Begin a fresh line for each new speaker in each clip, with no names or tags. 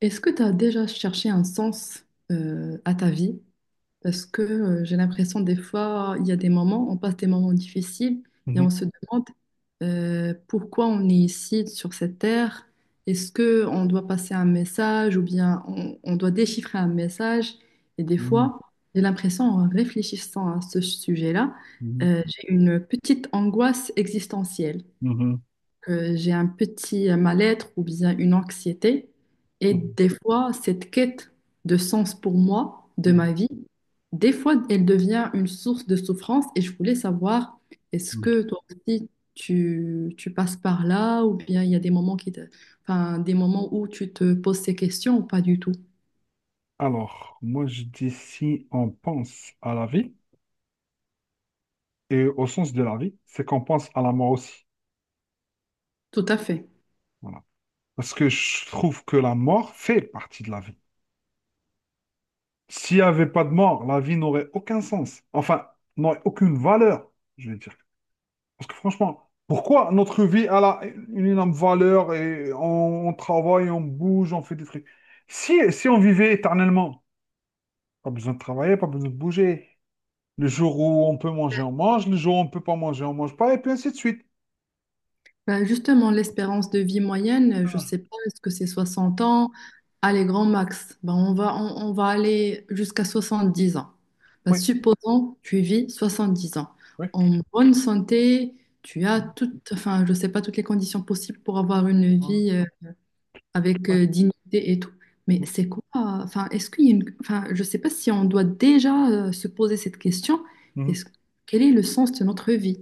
Est-ce que tu as déjà cherché un sens à ta vie? Parce que j'ai l'impression des fois, il y a des moments, on passe des moments difficiles et
Mhm,
on se demande pourquoi on est ici sur cette terre. Est-ce que on doit passer un message ou bien on doit déchiffrer un message? Et des
mhm,
fois, j'ai l'impression, en réfléchissant à ce sujet-là,
mhm,
j'ai une petite angoisse existentielle
mhm,
que j'ai un petit mal-être ou bien une anxiété. Et
mhm,
des fois, cette quête de sens pour moi, de
mhm,
ma vie, des fois, elle devient une source de souffrance. Et je voulais savoir, est-ce
mhm.
que toi aussi, tu passes par là ou bien il y a des moments qui enfin, des moments où tu te poses ces questions ou pas du tout?
Alors, moi je dis si on pense à la vie, et au sens de la vie, c'est qu'on pense à la mort aussi.
Tout à fait.
Voilà. Parce que je trouve que la mort fait partie de la vie. S'il n'y avait pas de mort, la vie n'aurait aucun sens. Enfin, n'aurait aucune valeur, je vais dire. Parce que franchement, pourquoi notre vie elle a une énorme valeur et on travaille, on bouge, on fait des trucs. Si on vivait éternellement, pas besoin de travailler, pas besoin de bouger. Le jour où on peut manger, on mange. Le jour où on ne peut pas manger, on ne mange pas. Et puis ainsi de suite.
Ben, justement, l'espérance de vie moyenne, je
Ah,
sais pas, est-ce que c'est 60 ans? Allez, grand max. Ben, on va aller jusqu'à 70 ans. Ben,
oui,
supposons, tu vis 70 ans.
oui.
En bonne santé, tu as
Mhm.
toutes, enfin, je sais pas, toutes les conditions possibles pour avoir une
Ah,
vie avec
ouais,
dignité et tout. Mais
oui.
c'est quoi? Enfin, est-ce qu'il y a une, enfin, je sais pas si on doit déjà se poser cette question.
Mhm.
Est-ce, quel est le sens de notre vie?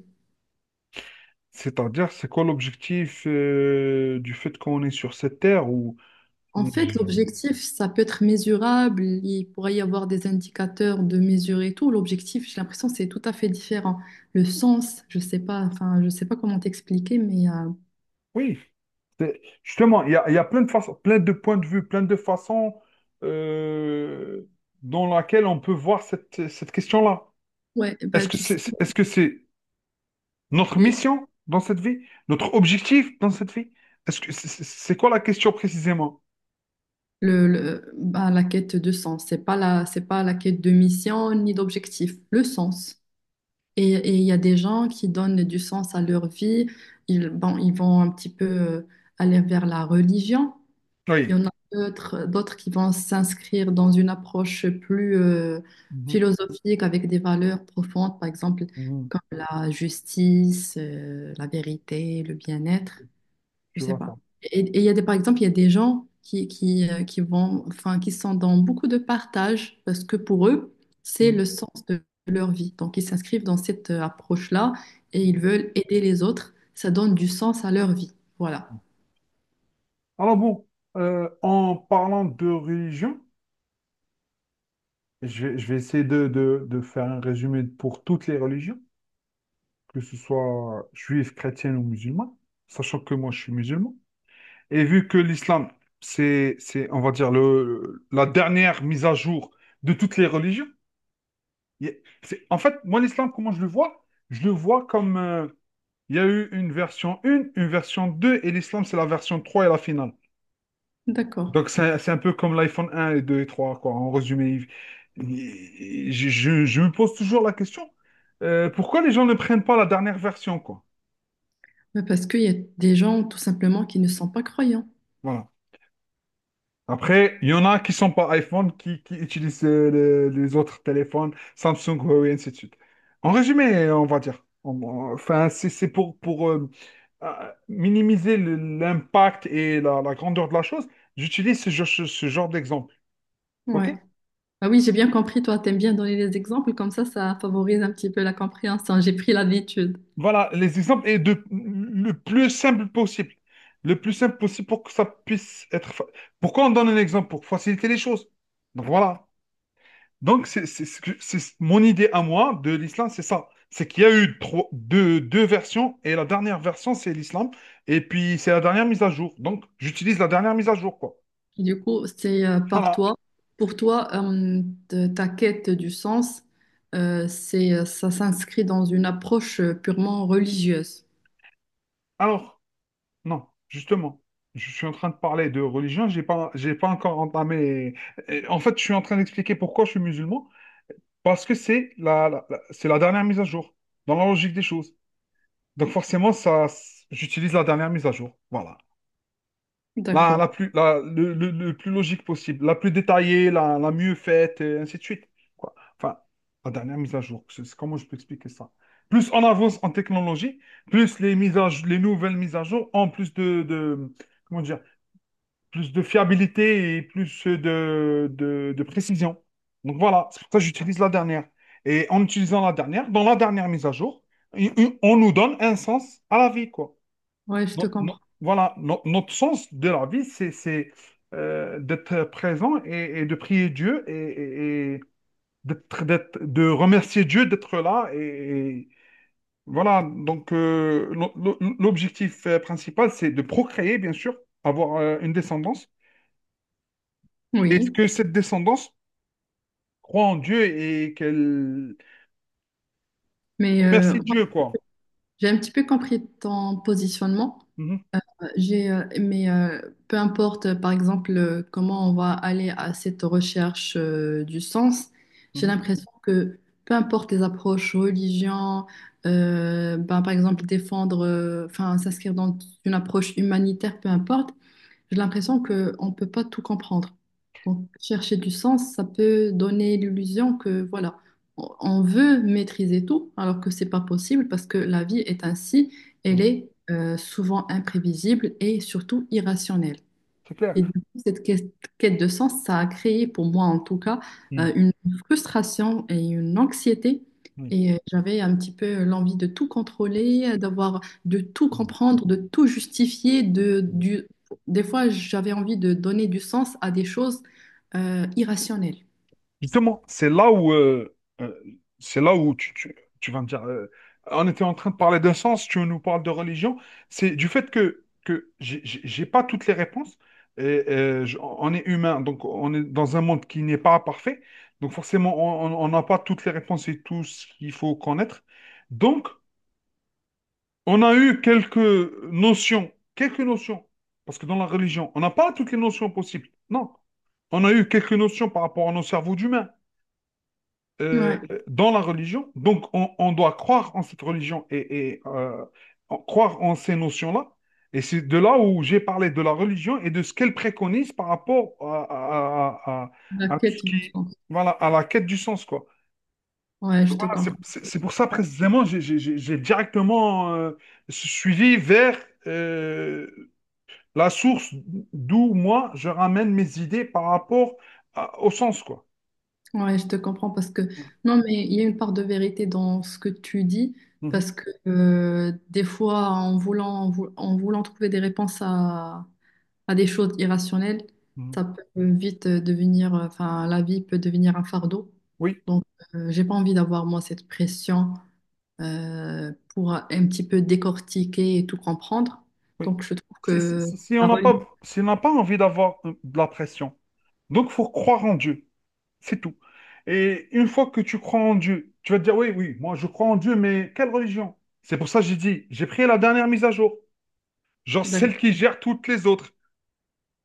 C'est-à-dire, c'est quoi l'objectif du fait qu'on est sur cette terre où.
En fait, l'objectif, ça peut être mesurable, il pourrait y avoir des indicateurs de mesure et tout. L'objectif, j'ai l'impression, c'est tout à fait différent. Le sens, je sais pas, enfin, je sais pas comment t'expliquer, mais
Oui, justement, il y a plein de façons, plein de points de vue, plein de façons euh, dans laquelle on peut voir cette question-là.
ouais, bah,
Est-ce que
tu sais,
est-ce que c'est notre
il-
mission dans cette vie? Notre objectif dans cette vie? Est-ce que c'est quoi la question précisément?
bah, la quête de sens, c'est pas la quête de mission ni d'objectif, le sens. Et il y a des gens qui donnent du sens à leur vie, ils, bon, ils vont un petit peu aller vers la religion. Il
Oui.
y en a d'autres, d'autres qui vont s'inscrire dans une approche plus
Mhm,
philosophique avec des valeurs profondes, par exemple,
mhm,
comme la justice, la vérité, le bien-être, je
je
sais
vois ça.
pas. Et il y a des, par exemple, il y a des gens qui vont, enfin, qui sont dans beaucoup de partage parce que pour eux, c'est
Mhm.
le sens de leur vie. Donc, ils s'inscrivent dans cette approche-là et ils veulent aider les autres. Ça donne du sens à leur vie. Voilà.
Alors bon, en parlant de religion, je vais essayer de faire un résumé pour toutes les religions, que ce soit juif, chrétienne ou musulman, sachant que moi je suis musulman. Et vu que l'islam, c'est, on va dire, la dernière mise à jour de toutes les religions, il y a- c'est- en fait, moi l'islam, comment je le vois? Je le vois comme, il y a eu une version 1, une version 2, et l'islam, c'est la version 3 et la finale.
D'accord.
Donc, c'est un peu comme l'iPhone un et 2 et 3 quoi. En résumé, je me pose toujours la question, pourquoi les gens ne prennent pas la dernière version, quoi?
Ouais, parce qu'il y a des gens tout simplement qui ne sont pas croyants.
Voilà. Après, il y en a qui sont pas iPhone, qui utilisent les autres téléphones, Samsung, Huawei, et ainsi de suite. En résumé, on va dire. Enfin, c'est pour minimiser l'impact et la grandeur de la chose, j'utilise ce genre d'exemple. OK?
Ouais. Ah oui, j'ai bien compris, toi, t'aimes bien donner des exemples, comme ça favorise un petit peu la compréhension. J'ai pris l'habitude.
Voilà, les exemples et de le plus simple possible. Le plus simple possible pour que ça puisse être. Pourquoi on donne un exemple? Pour faciliter les choses. Donc voilà. Donc c'est mon idée à moi de l'islam, c'est ça. C'est qu'il y a eu trois, deux versions et la dernière version, c'est l'islam. Et puis c'est la dernière mise à jour. Donc j'utilise la dernière mise à jour, quoi.
Du coup, c'est par
Voilà.
toi. Pour toi, ta quête du sens, ça s'inscrit dans une approche purement religieuse.
Alors, non, justement. Je suis en train de parler de religion, j'ai pas encore entamé. En fait, je suis en train d'expliquer pourquoi je suis musulman. Parce que c'est c'est la dernière mise à jour, dans la logique des choses. Donc forcément, ça, j'utilise la dernière mise à jour. Voilà. La
D'accord.
plus, la- le plus logique possible, la plus détaillée, la mieux faite, et ainsi de suite. Quoi. Enfin, la dernière mise à jour. Comment je peux expliquer ça? Plus on avance en technologie, plus les les nouvelles mises à jour ont plus comment dire, plus de fiabilité et plus de précision. Donc voilà, c'est pour ça que j'utilise la dernière. Et en utilisant la dernière, dans la dernière mise à jour, on nous donne un sens à la vie, quoi.
Ouais, je te
No- no-
comprends.
voilà, notre sens de la vie, c'est d'être présent et de prier Dieu et de remercier Dieu d'être là. Et voilà, donc l'objectif principal, c'est de procréer, bien sûr, avoir une descendance. Est-ce
Oui.
que cette descendance croit en Dieu et qu'elle
Mais
remercie
moi,
Dieu, quoi?
j'ai un petit peu compris ton positionnement.
Mhm,
J'ai, mais peu importe, par exemple, comment on va aller à cette recherche du sens, j'ai
mhm,
l'impression que peu importe les approches religion, ben, par exemple défendre, enfin s'inscrire dans une approche humanitaire, peu importe, j'ai l'impression qu'on ne peut pas tout comprendre. Donc, chercher du sens, ça peut donner l'illusion que, voilà, on veut maîtriser tout, alors que c'est pas possible parce que la vie est ainsi, elle
mhm.
est souvent imprévisible et surtout irrationnelle.
C'est clair.
Et du coup, cette quête quête de sens, ça a créé pour moi en tout cas
Mhm,
une frustration et une anxiété.
oui,
Et j'avais un petit peu l'envie de tout contrôler, de tout
mhm,
comprendre, de tout justifier. De,
mhm.
du... Des fois, j'avais envie de donner du sens à des choses irrationnelles.
Justement, euh, c'est là où tu vas me dire, on était en train de parler d'un sens, tu nous parles de religion, c'est du fait que, j'ai pas toutes les réponses, et, on est humain, donc on est dans un monde qui n'est pas parfait, donc forcément on n'a pas toutes les réponses et tout ce qu'il faut connaître. Donc, on a eu quelques notions, parce que dans la religion, on n'a pas toutes les notions possibles. Non, on a eu quelques notions par rapport à nos cerveaux d'humains euh,
Ouais,
dans la religion. Donc, on doit croire en cette religion et croire en ces notions-là. Et c'est de là où j'ai parlé de la religion et de ce qu'elle préconise par rapport à, à- à-
la
à- à tout ce
quête du
qui,
sens.
voilà, à la quête du sens, quoi.
Ouais, je te
Voilà, c'est
comprends.
c'est- c'est pour ça précisément j'ai directement suivi vers euh, la source d'où moi je ramène mes idées par rapport au sens, quoi.
Ouais, je te comprends parce que non, mais il y a une part de vérité dans ce que tu dis
Mhm,
parce que des fois, en voulant trouver des réponses à des choses irrationnelles,
mhm.
ça peut vite enfin, la vie peut devenir un fardeau.
Oui,
Donc, j'ai pas envie d'avoir moi cette pression pour un petit peu décortiquer et tout comprendre.
oui.
Donc, je trouve
Si, si-
que
si- si on
la
n'a
religion,
pas, si on n'a pas envie d'avoir de la pression, donc faut croire en Dieu, c'est tout. Et une fois que tu crois en Dieu, tu vas te dire, oui, oui, moi je crois en Dieu, mais quelle religion? C'est pour ça que j'ai dit, j'ai pris la dernière mise à jour, genre
d'accord,
celle qui gère toutes les autres.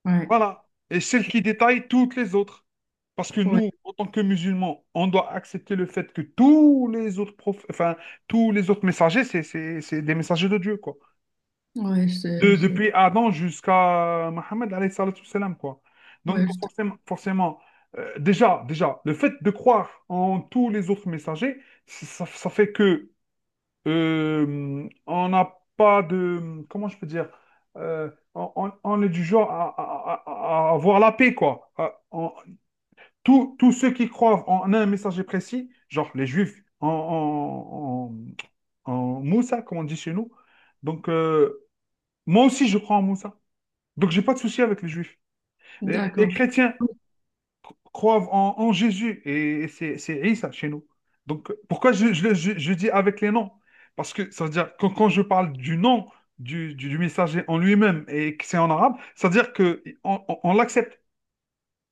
ouais,
Voilà. Et celle qui détaille toutes les autres. Parce que
ouais,
nous, en tant que musulmans, on doit accepter le fait que tous les autres prophètes, enfin, tous les autres messagers, c'est des messagers de Dieu, quoi.
ouais,
De- depuis Adam jusqu'à Mohammed, alayhi salatu wassalam, quoi. Donc,
ouais,
forcément, forcément déjà, déjà, le fait de croire en tous les autres messagers, ça fait que on n'a pas de. Comment je peux dire? On est du genre à, à avoir la paix, quoi. Tous ceux qui croient en un messager précis, genre les Juifs en Moussa, comme on dit chez nous. Donc, moi aussi, je crois en Moussa. Donc, j'ai pas de souci avec les Juifs. Les
d'accord.
chrétiens, croient en Jésus et c'est Isa chez nous. Donc, pourquoi je dis avec les noms? Parce que ça veut dire, quand je parle du nom du messager en lui-même et que c'est en arabe, ça veut dire que on l'accepte.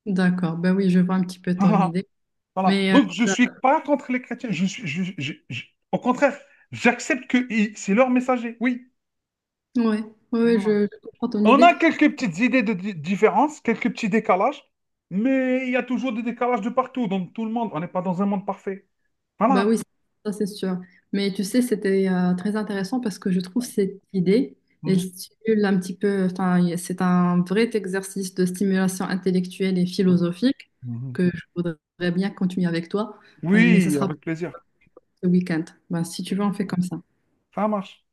D'accord, ben oui, je vois un petit peu ton
Voilà,
idée.
voilà.
Mais
Donc, je ne
ça-
suis pas contre les chrétiens. Je suis, je- au contraire, j'accepte que c'est leur messager. Oui.
ouais, ouais, ouais,
Voilà.
je comprends ton
On
idée.
a quelques petites idées de différence, quelques petits décalages, mais il y a toujours des décalages de partout, dans tout le monde. On n'est pas dans un monde parfait.
Ben
Voilà.
oui, ça c'est sûr. Mais tu sais, c'était très intéressant parce que je trouve cette idée, elle stimule un petit peu, enfin, c'est un vrai exercice de stimulation intellectuelle et philosophique
Mhm.
que je voudrais bien continuer avec toi, mais ça
Oui,
sera pour
avec plaisir.
ce week-end. Ben, si tu veux, on fait
Ok.
comme ça.
Ça marche.